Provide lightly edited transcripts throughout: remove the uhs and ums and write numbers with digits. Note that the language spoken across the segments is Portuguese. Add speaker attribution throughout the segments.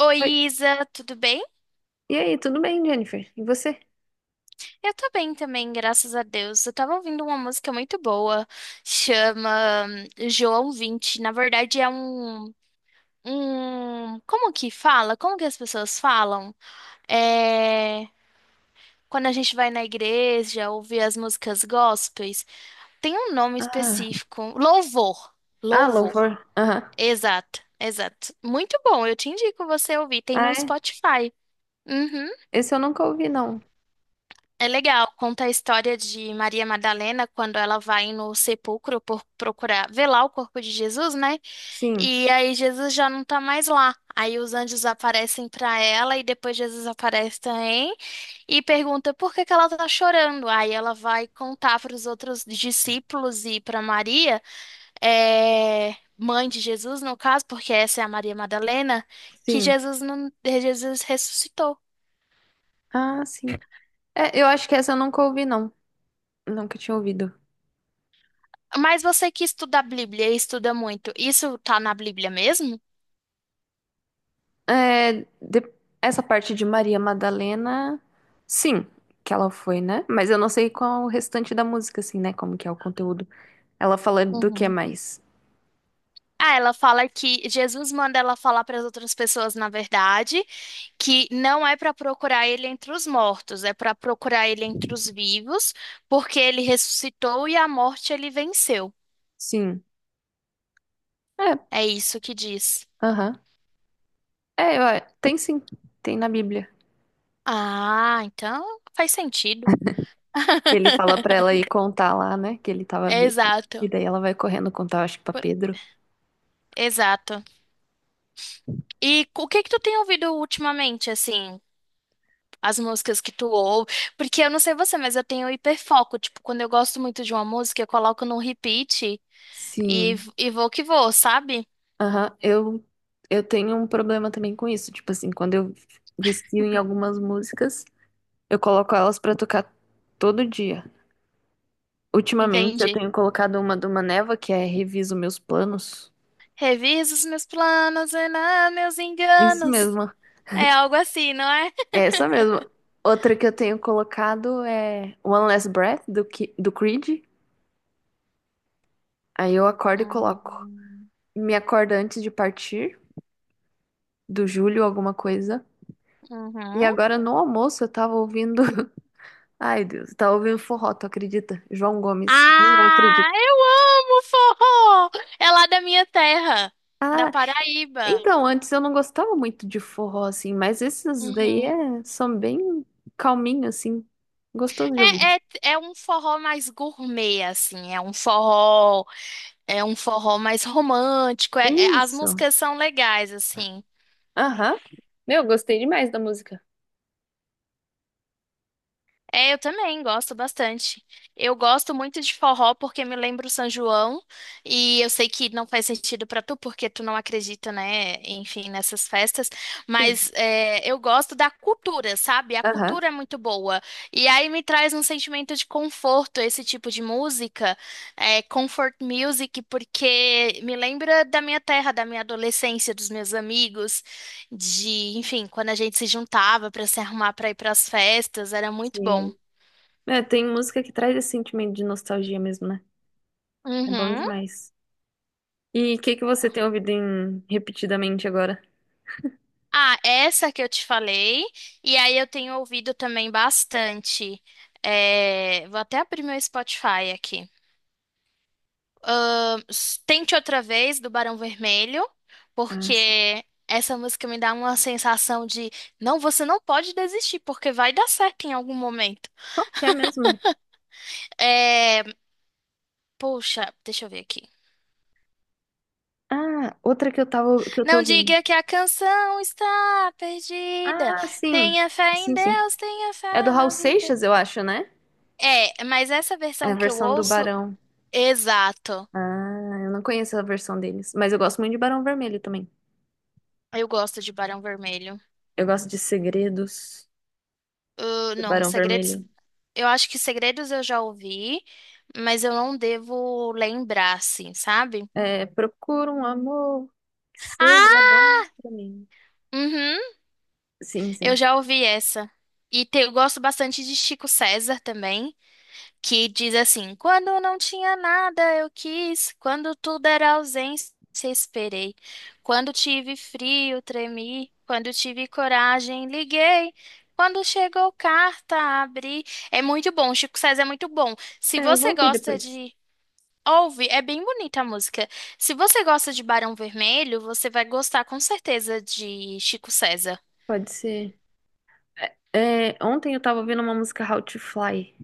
Speaker 1: Oi,
Speaker 2: Oi.
Speaker 1: Isa, tudo bem?
Speaker 2: E aí, tudo bem, Jennifer? E você?
Speaker 1: Eu tô bem também, graças a Deus. Eu tava ouvindo uma música muito boa, chama João 20. Na verdade, é um. Como que fala? Como que as pessoas falam? É. Quando a gente vai na igreja ouvir as músicas gospels, tem um nome
Speaker 2: Ah,
Speaker 1: específico. Louvor.
Speaker 2: ah,
Speaker 1: Louvor.
Speaker 2: louvor. Aham.
Speaker 1: Exato, exato. Muito bom, eu te indico você ouvir. Tem
Speaker 2: Ah,
Speaker 1: no
Speaker 2: é?
Speaker 1: Spotify. Uhum.
Speaker 2: Esse eu nunca ouvi, não.
Speaker 1: É legal, conta a história de Maria Madalena quando ela vai no sepulcro por procurar velar o corpo de Jesus, né?
Speaker 2: Sim,
Speaker 1: E aí Jesus já não tá mais lá. Aí os anjos aparecem pra ela e depois Jesus aparece também e pergunta por que que ela tá chorando. Aí ela vai contar para os outros discípulos e para Maria, é, mãe de Jesus no caso, porque essa é a Maria Madalena, que
Speaker 2: sim.
Speaker 1: Jesus não, Jesus ressuscitou.
Speaker 2: Ah, sim. É, eu acho que essa eu nunca ouvi, não. Nunca tinha ouvido.
Speaker 1: Mas você que estuda a Bíblia e estuda muito, isso tá na Bíblia mesmo?
Speaker 2: É, de- Essa parte de Maria Madalena, sim, que ela foi, né? Mas eu não sei qual o restante da música, assim, né? Como que é o conteúdo. Ela fala do que
Speaker 1: Uhum.
Speaker 2: mais?
Speaker 1: Ah, ela fala que Jesus manda ela falar para as outras pessoas, na verdade, que não é para procurar ele entre os mortos, é para procurar ele entre os vivos, porque ele ressuscitou e a morte ele venceu.
Speaker 2: Sim. É,
Speaker 1: É isso que diz.
Speaker 2: aham. Tem sim. Tem na Bíblia.
Speaker 1: Ah, então faz sentido.
Speaker 2: Ele fala pra ela ir contar lá, né, que ele tava vivo. E
Speaker 1: Exato.
Speaker 2: daí ela vai correndo contar, acho que pra
Speaker 1: Por-
Speaker 2: Pedro.
Speaker 1: Exato. E o que que tu tem ouvido ultimamente, assim? As músicas que tu ouve. Porque eu não sei você, mas eu tenho hiperfoco. Tipo, quando eu gosto muito de uma música, eu coloco no repeat e,
Speaker 2: Sim.
Speaker 1: vou que vou, sabe?
Speaker 2: Aham. Eu tenho um problema também com isso. Tipo assim, quando eu vistio em algumas músicas, eu coloco elas pra tocar todo dia. Ultimamente eu
Speaker 1: Entende?
Speaker 2: tenho colocado uma do Maneva, que é Reviso Meus Planos.
Speaker 1: Reviso os meus planos e não meus
Speaker 2: Isso
Speaker 1: enganos.
Speaker 2: mesmo.
Speaker 1: É algo assim, não é?
Speaker 2: É essa mesmo. Outra que eu tenho colocado é One Last Breath, do Creed. Aí eu acordo e coloco.
Speaker 1: Hum,
Speaker 2: Me acorda antes de partir, do Júlio, alguma coisa. E
Speaker 1: uhum.
Speaker 2: agora no almoço eu tava ouvindo. Ai, Deus, eu tava ouvindo forró, tu acredita? João Gomes. Nem eu acredito.
Speaker 1: Ah, eu amo forró! É lá da minha terra, da
Speaker 2: Ah,
Speaker 1: Paraíba.
Speaker 2: então, antes eu não gostava muito de forró, assim, mas esses daí
Speaker 1: Uhum.
Speaker 2: é, são bem calminhos, assim. Gostoso de ouvir.
Speaker 1: É, é, é um forró mais gourmet, assim. É um forró. É um forró mais romântico. As
Speaker 2: Isso.
Speaker 1: músicas são legais, assim.
Speaker 2: Aham. Meu, gostei demais da música.
Speaker 1: É, eu também gosto bastante. Eu gosto muito de forró porque me lembra o São João. E eu sei que não faz sentido pra tu, porque tu não acredita, né? Enfim, nessas festas.
Speaker 2: Sim.
Speaker 1: Mas é, eu gosto da cultura, sabe? A
Speaker 2: Aham.
Speaker 1: cultura é muito boa. E aí me traz um sentimento de conforto esse tipo de música. É, comfort music, porque me lembra da minha terra, da minha adolescência, dos meus amigos. De, enfim, quando a gente se juntava para se arrumar para ir para as festas, era muito bom.
Speaker 2: Sim. É, tem música que traz esse sentimento de nostalgia mesmo, né? É bom
Speaker 1: Uhum.
Speaker 2: demais. E o que que você tem ouvido em repetidamente agora?
Speaker 1: Ah, essa que eu te falei, e aí eu tenho ouvido também bastante. É, vou até abrir meu Spotify aqui. Tente Outra Vez, do Barão Vermelho,
Speaker 2: Ah, sim.
Speaker 1: porque essa música me dá uma sensação de não, você não pode desistir, porque vai dar certo em algum momento.
Speaker 2: Qual que é mesmo?
Speaker 1: É, poxa, deixa eu ver aqui.
Speaker 2: Ah, outra que eu tava, que eu tô
Speaker 1: Não
Speaker 2: vendo.
Speaker 1: diga que a canção está perdida.
Speaker 2: Ah, sim.
Speaker 1: Tenha fé em
Speaker 2: Sim, sim.
Speaker 1: Deus, tenha
Speaker 2: É do
Speaker 1: fé
Speaker 2: Raul
Speaker 1: na vida.
Speaker 2: Seixas, eu acho, né?
Speaker 1: É, mas essa
Speaker 2: É a
Speaker 1: versão que eu
Speaker 2: versão do
Speaker 1: ouço,
Speaker 2: Barão.
Speaker 1: exato.
Speaker 2: Ah, eu não conheço a versão deles, mas eu gosto muito de Barão Vermelho também.
Speaker 1: Eu gosto de Barão Vermelho.
Speaker 2: Eu gosto de Segredos do
Speaker 1: Não,
Speaker 2: Barão
Speaker 1: Segredos.
Speaker 2: Vermelho.
Speaker 1: Eu acho que Segredos eu já ouvi, mas eu não devo lembrar, assim, sabe?
Speaker 2: É, procura um amor que seja
Speaker 1: Ah,
Speaker 2: bom pra mim.
Speaker 1: uhum,
Speaker 2: Sim,
Speaker 1: eu
Speaker 2: sim.
Speaker 1: já ouvi essa. Eu gosto bastante de Chico César também. Que diz assim: Quando não tinha nada, eu quis, quando tudo era ausência, esperei. Quando tive frio, tremi. Quando tive coragem, liguei. Quando chegou carta, abri. É muito bom, Chico César é muito bom. Se
Speaker 2: É, eu vou
Speaker 1: você
Speaker 2: ouvir
Speaker 1: gosta
Speaker 2: depois.
Speaker 1: de. Ouve, é bem bonita a música. Se você gosta de Barão Vermelho, você vai gostar com certeza de Chico César.
Speaker 2: Pode ser. Ontem eu tava ouvindo uma música How to Fly,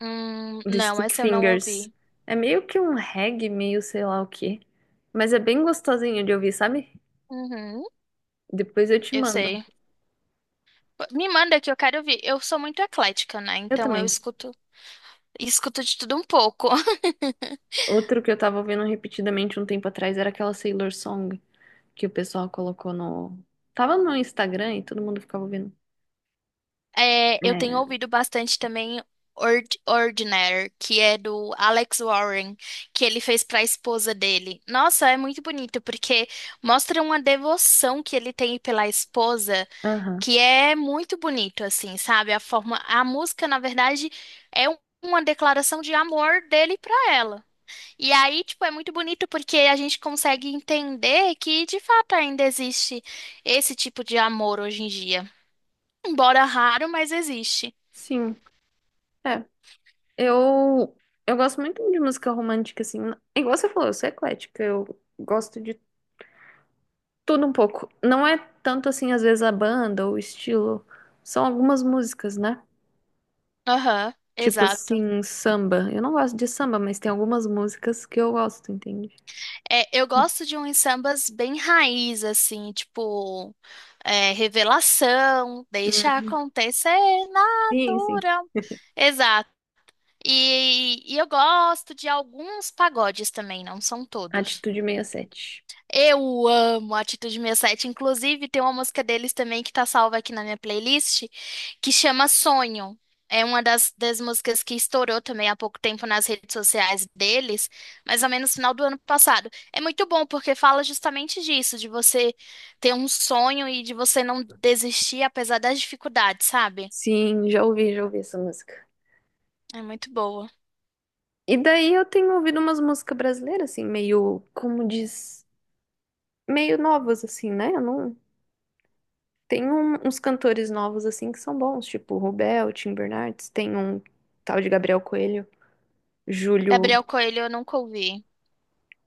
Speaker 2: do
Speaker 1: Não,
Speaker 2: Stick
Speaker 1: essa eu não
Speaker 2: Fingers.
Speaker 1: ouvi.
Speaker 2: É meio que um reggae, meio sei lá o quê. Mas é bem gostosinho de ouvir, sabe?
Speaker 1: Uhum,
Speaker 2: Depois eu te
Speaker 1: eu
Speaker 2: mando.
Speaker 1: sei. Me manda que eu quero ouvir. Eu sou muito eclética, né?
Speaker 2: Eu
Speaker 1: Então eu
Speaker 2: também.
Speaker 1: escuto, escuto de tudo um pouco.
Speaker 2: Outro que eu tava ouvindo repetidamente um tempo atrás era aquela Sailor Song que o pessoal colocou no. Tava no Instagram e todo mundo ficava ouvindo.
Speaker 1: É, eu tenho
Speaker 2: É.
Speaker 1: ouvido bastante também Ordinary, que é do Alex Warren, que ele fez para a esposa dele. Nossa, é muito bonito porque mostra uma devoção que ele tem pela esposa,
Speaker 2: Aham.
Speaker 1: que é muito bonito assim, sabe? A forma, a música, na verdade, é um- uma declaração de amor dele para ela. E aí, tipo, é muito bonito porque a gente consegue entender que de fato ainda existe esse tipo de amor hoje em dia. Embora raro, mas existe.
Speaker 2: Sim. É. Eu. Eu gosto muito de música romântica, assim. É, igual você falou, eu sou eclética. Eu gosto de tudo um pouco. Não é tanto assim, às vezes, a banda ou o estilo. São algumas músicas, né?
Speaker 1: Aham,
Speaker 2: Tipo
Speaker 1: exato.
Speaker 2: assim, samba. Eu não gosto de samba, mas tem algumas músicas que eu gosto, entende?
Speaker 1: É, eu gosto de uns sambas bem raiz, assim, tipo, é, revelação, deixa
Speaker 2: Hum,
Speaker 1: acontecer
Speaker 2: Sim, sim.
Speaker 1: natural. Exato. E, eu gosto de alguns pagodes também, não são todos.
Speaker 2: Atitude 67.
Speaker 1: Eu amo a Atitude 67. Inclusive, tem uma música deles também que tá salva aqui na minha playlist, que chama Sonho. É uma das músicas que estourou também há pouco tempo nas redes sociais deles, mais ou menos no final do ano passado. É muito bom porque fala justamente disso, de você ter um sonho e de você não desistir apesar das dificuldades, sabe?
Speaker 2: Sim, já ouvi essa música.
Speaker 1: É muito boa.
Speaker 2: E daí eu tenho ouvido umas músicas brasileiras, assim, meio, como diz, meio novas, assim, né? Eu não. Tem uns cantores novos, assim, que são bons, tipo o Rubel, Tim Bernardes, tem um tal de Gabriel Coelho, Júlio.
Speaker 1: Gabriel Coelho eu nunca ouvi.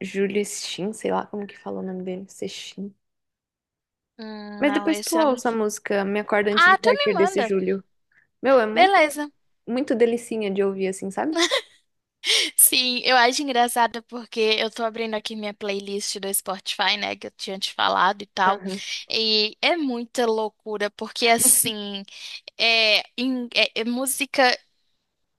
Speaker 2: Julius Shin, sei lá como que fala o nome dele, Sexin. Mas
Speaker 1: Não,
Speaker 2: depois tu
Speaker 1: esse eu não.
Speaker 2: ouça a música Me Acorda Antes de
Speaker 1: Ah, tu me
Speaker 2: Partir desse
Speaker 1: manda.
Speaker 2: Julho. Meu, é muito,
Speaker 1: Beleza.
Speaker 2: muito delicinha de ouvir assim, sabe?
Speaker 1: Sim, eu acho engraçado porque eu tô abrindo aqui minha playlist do Spotify, né, que eu tinha te falado e tal,
Speaker 2: Aham.
Speaker 1: e é muita loucura, porque assim, é, é música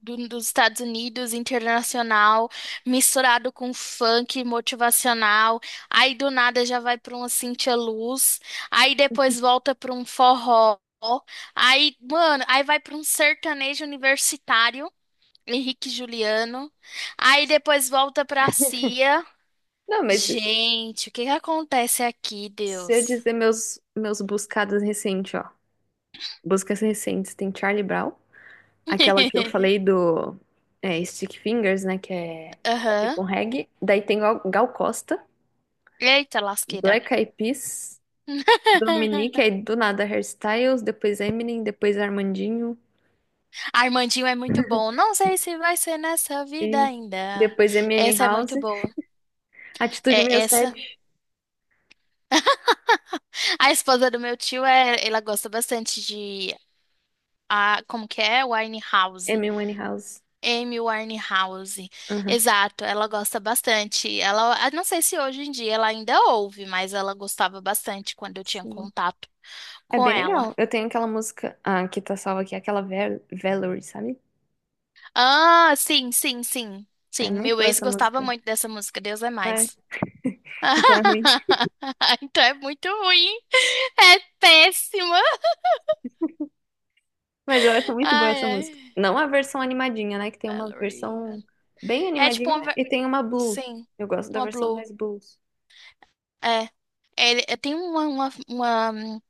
Speaker 1: dos Estados Unidos, internacional, misturado com funk motivacional, aí do nada já vai pra uma Cintia Luz, aí depois volta pra um forró, aí, mano, aí vai pra um sertanejo universitário, Henrique e Juliano. Aí depois volta pra CIA.
Speaker 2: Não, mas
Speaker 1: Gente, o que que acontece aqui,
Speaker 2: se eu
Speaker 1: Deus?
Speaker 2: dizer meus buscados recentes, ó. Buscas recentes, tem Charlie Brown, aquela que eu falei do, é, Stick Fingers, né, que é
Speaker 1: Aham.
Speaker 2: tipo um reggae. Daí tem Gal Costa,
Speaker 1: Eita, lasqueira.
Speaker 2: Black Eyed Peas, Dominique, aí do nada Hairstyles, depois Eminem, depois Armandinho.
Speaker 1: Armandinho é muito bom. Não sei se vai ser nessa vida
Speaker 2: Isso.
Speaker 1: ainda.
Speaker 2: Depois MN
Speaker 1: Essa é
Speaker 2: House.
Speaker 1: muito boa.
Speaker 2: Atitude sessenta
Speaker 1: É
Speaker 2: e
Speaker 1: essa.
Speaker 2: sete,
Speaker 1: A esposa do meu tio é, ela gosta bastante de a, como que é?
Speaker 2: M
Speaker 1: Winehouse.
Speaker 2: MN House.
Speaker 1: Amy Winehouse.
Speaker 2: Aham.
Speaker 1: Exato, ela gosta bastante. Ela, ah, não sei se hoje em dia ela ainda ouve, mas ela gostava bastante quando eu tinha
Speaker 2: Sim.
Speaker 1: contato
Speaker 2: É
Speaker 1: com
Speaker 2: bem
Speaker 1: ela.
Speaker 2: legal. Eu tenho aquela música. Ah, que tá salva aqui. Aquela Valerie, sabe?
Speaker 1: Ah, sim, sim, sim.
Speaker 2: É
Speaker 1: Sim,
Speaker 2: muito
Speaker 1: meu
Speaker 2: boa
Speaker 1: ex
Speaker 2: essa
Speaker 1: gostava
Speaker 2: música.
Speaker 1: muito dessa música, Deus é
Speaker 2: É.
Speaker 1: mais.
Speaker 2: Então é ruim.
Speaker 1: Então é muito ruim. É péssima.
Speaker 2: Mas eu acho muito boa
Speaker 1: Ai,
Speaker 2: essa
Speaker 1: ai.
Speaker 2: música. Não a versão animadinha, né? Que tem uma
Speaker 1: Ballerina.
Speaker 2: versão bem
Speaker 1: É tipo
Speaker 2: animadinha
Speaker 1: uma.
Speaker 2: e tem uma blues.
Speaker 1: Sim,
Speaker 2: Eu gosto da
Speaker 1: uma
Speaker 2: versão
Speaker 1: blue.
Speaker 2: mais blues.
Speaker 1: É. Ele, é, tem uma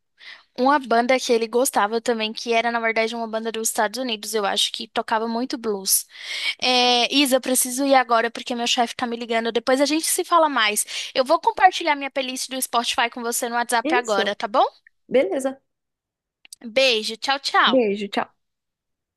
Speaker 1: Uma banda que ele gostava também, que era, na verdade, uma banda dos Estados Unidos, eu acho, que tocava muito blues. É, Isa, eu preciso ir agora porque meu chefe tá me ligando. Depois a gente se fala mais. Eu vou compartilhar minha playlist do Spotify com você no WhatsApp agora,
Speaker 2: Isso.
Speaker 1: tá bom?
Speaker 2: Beleza.
Speaker 1: Beijo, tchau, tchau.
Speaker 2: Beijo. Tchau.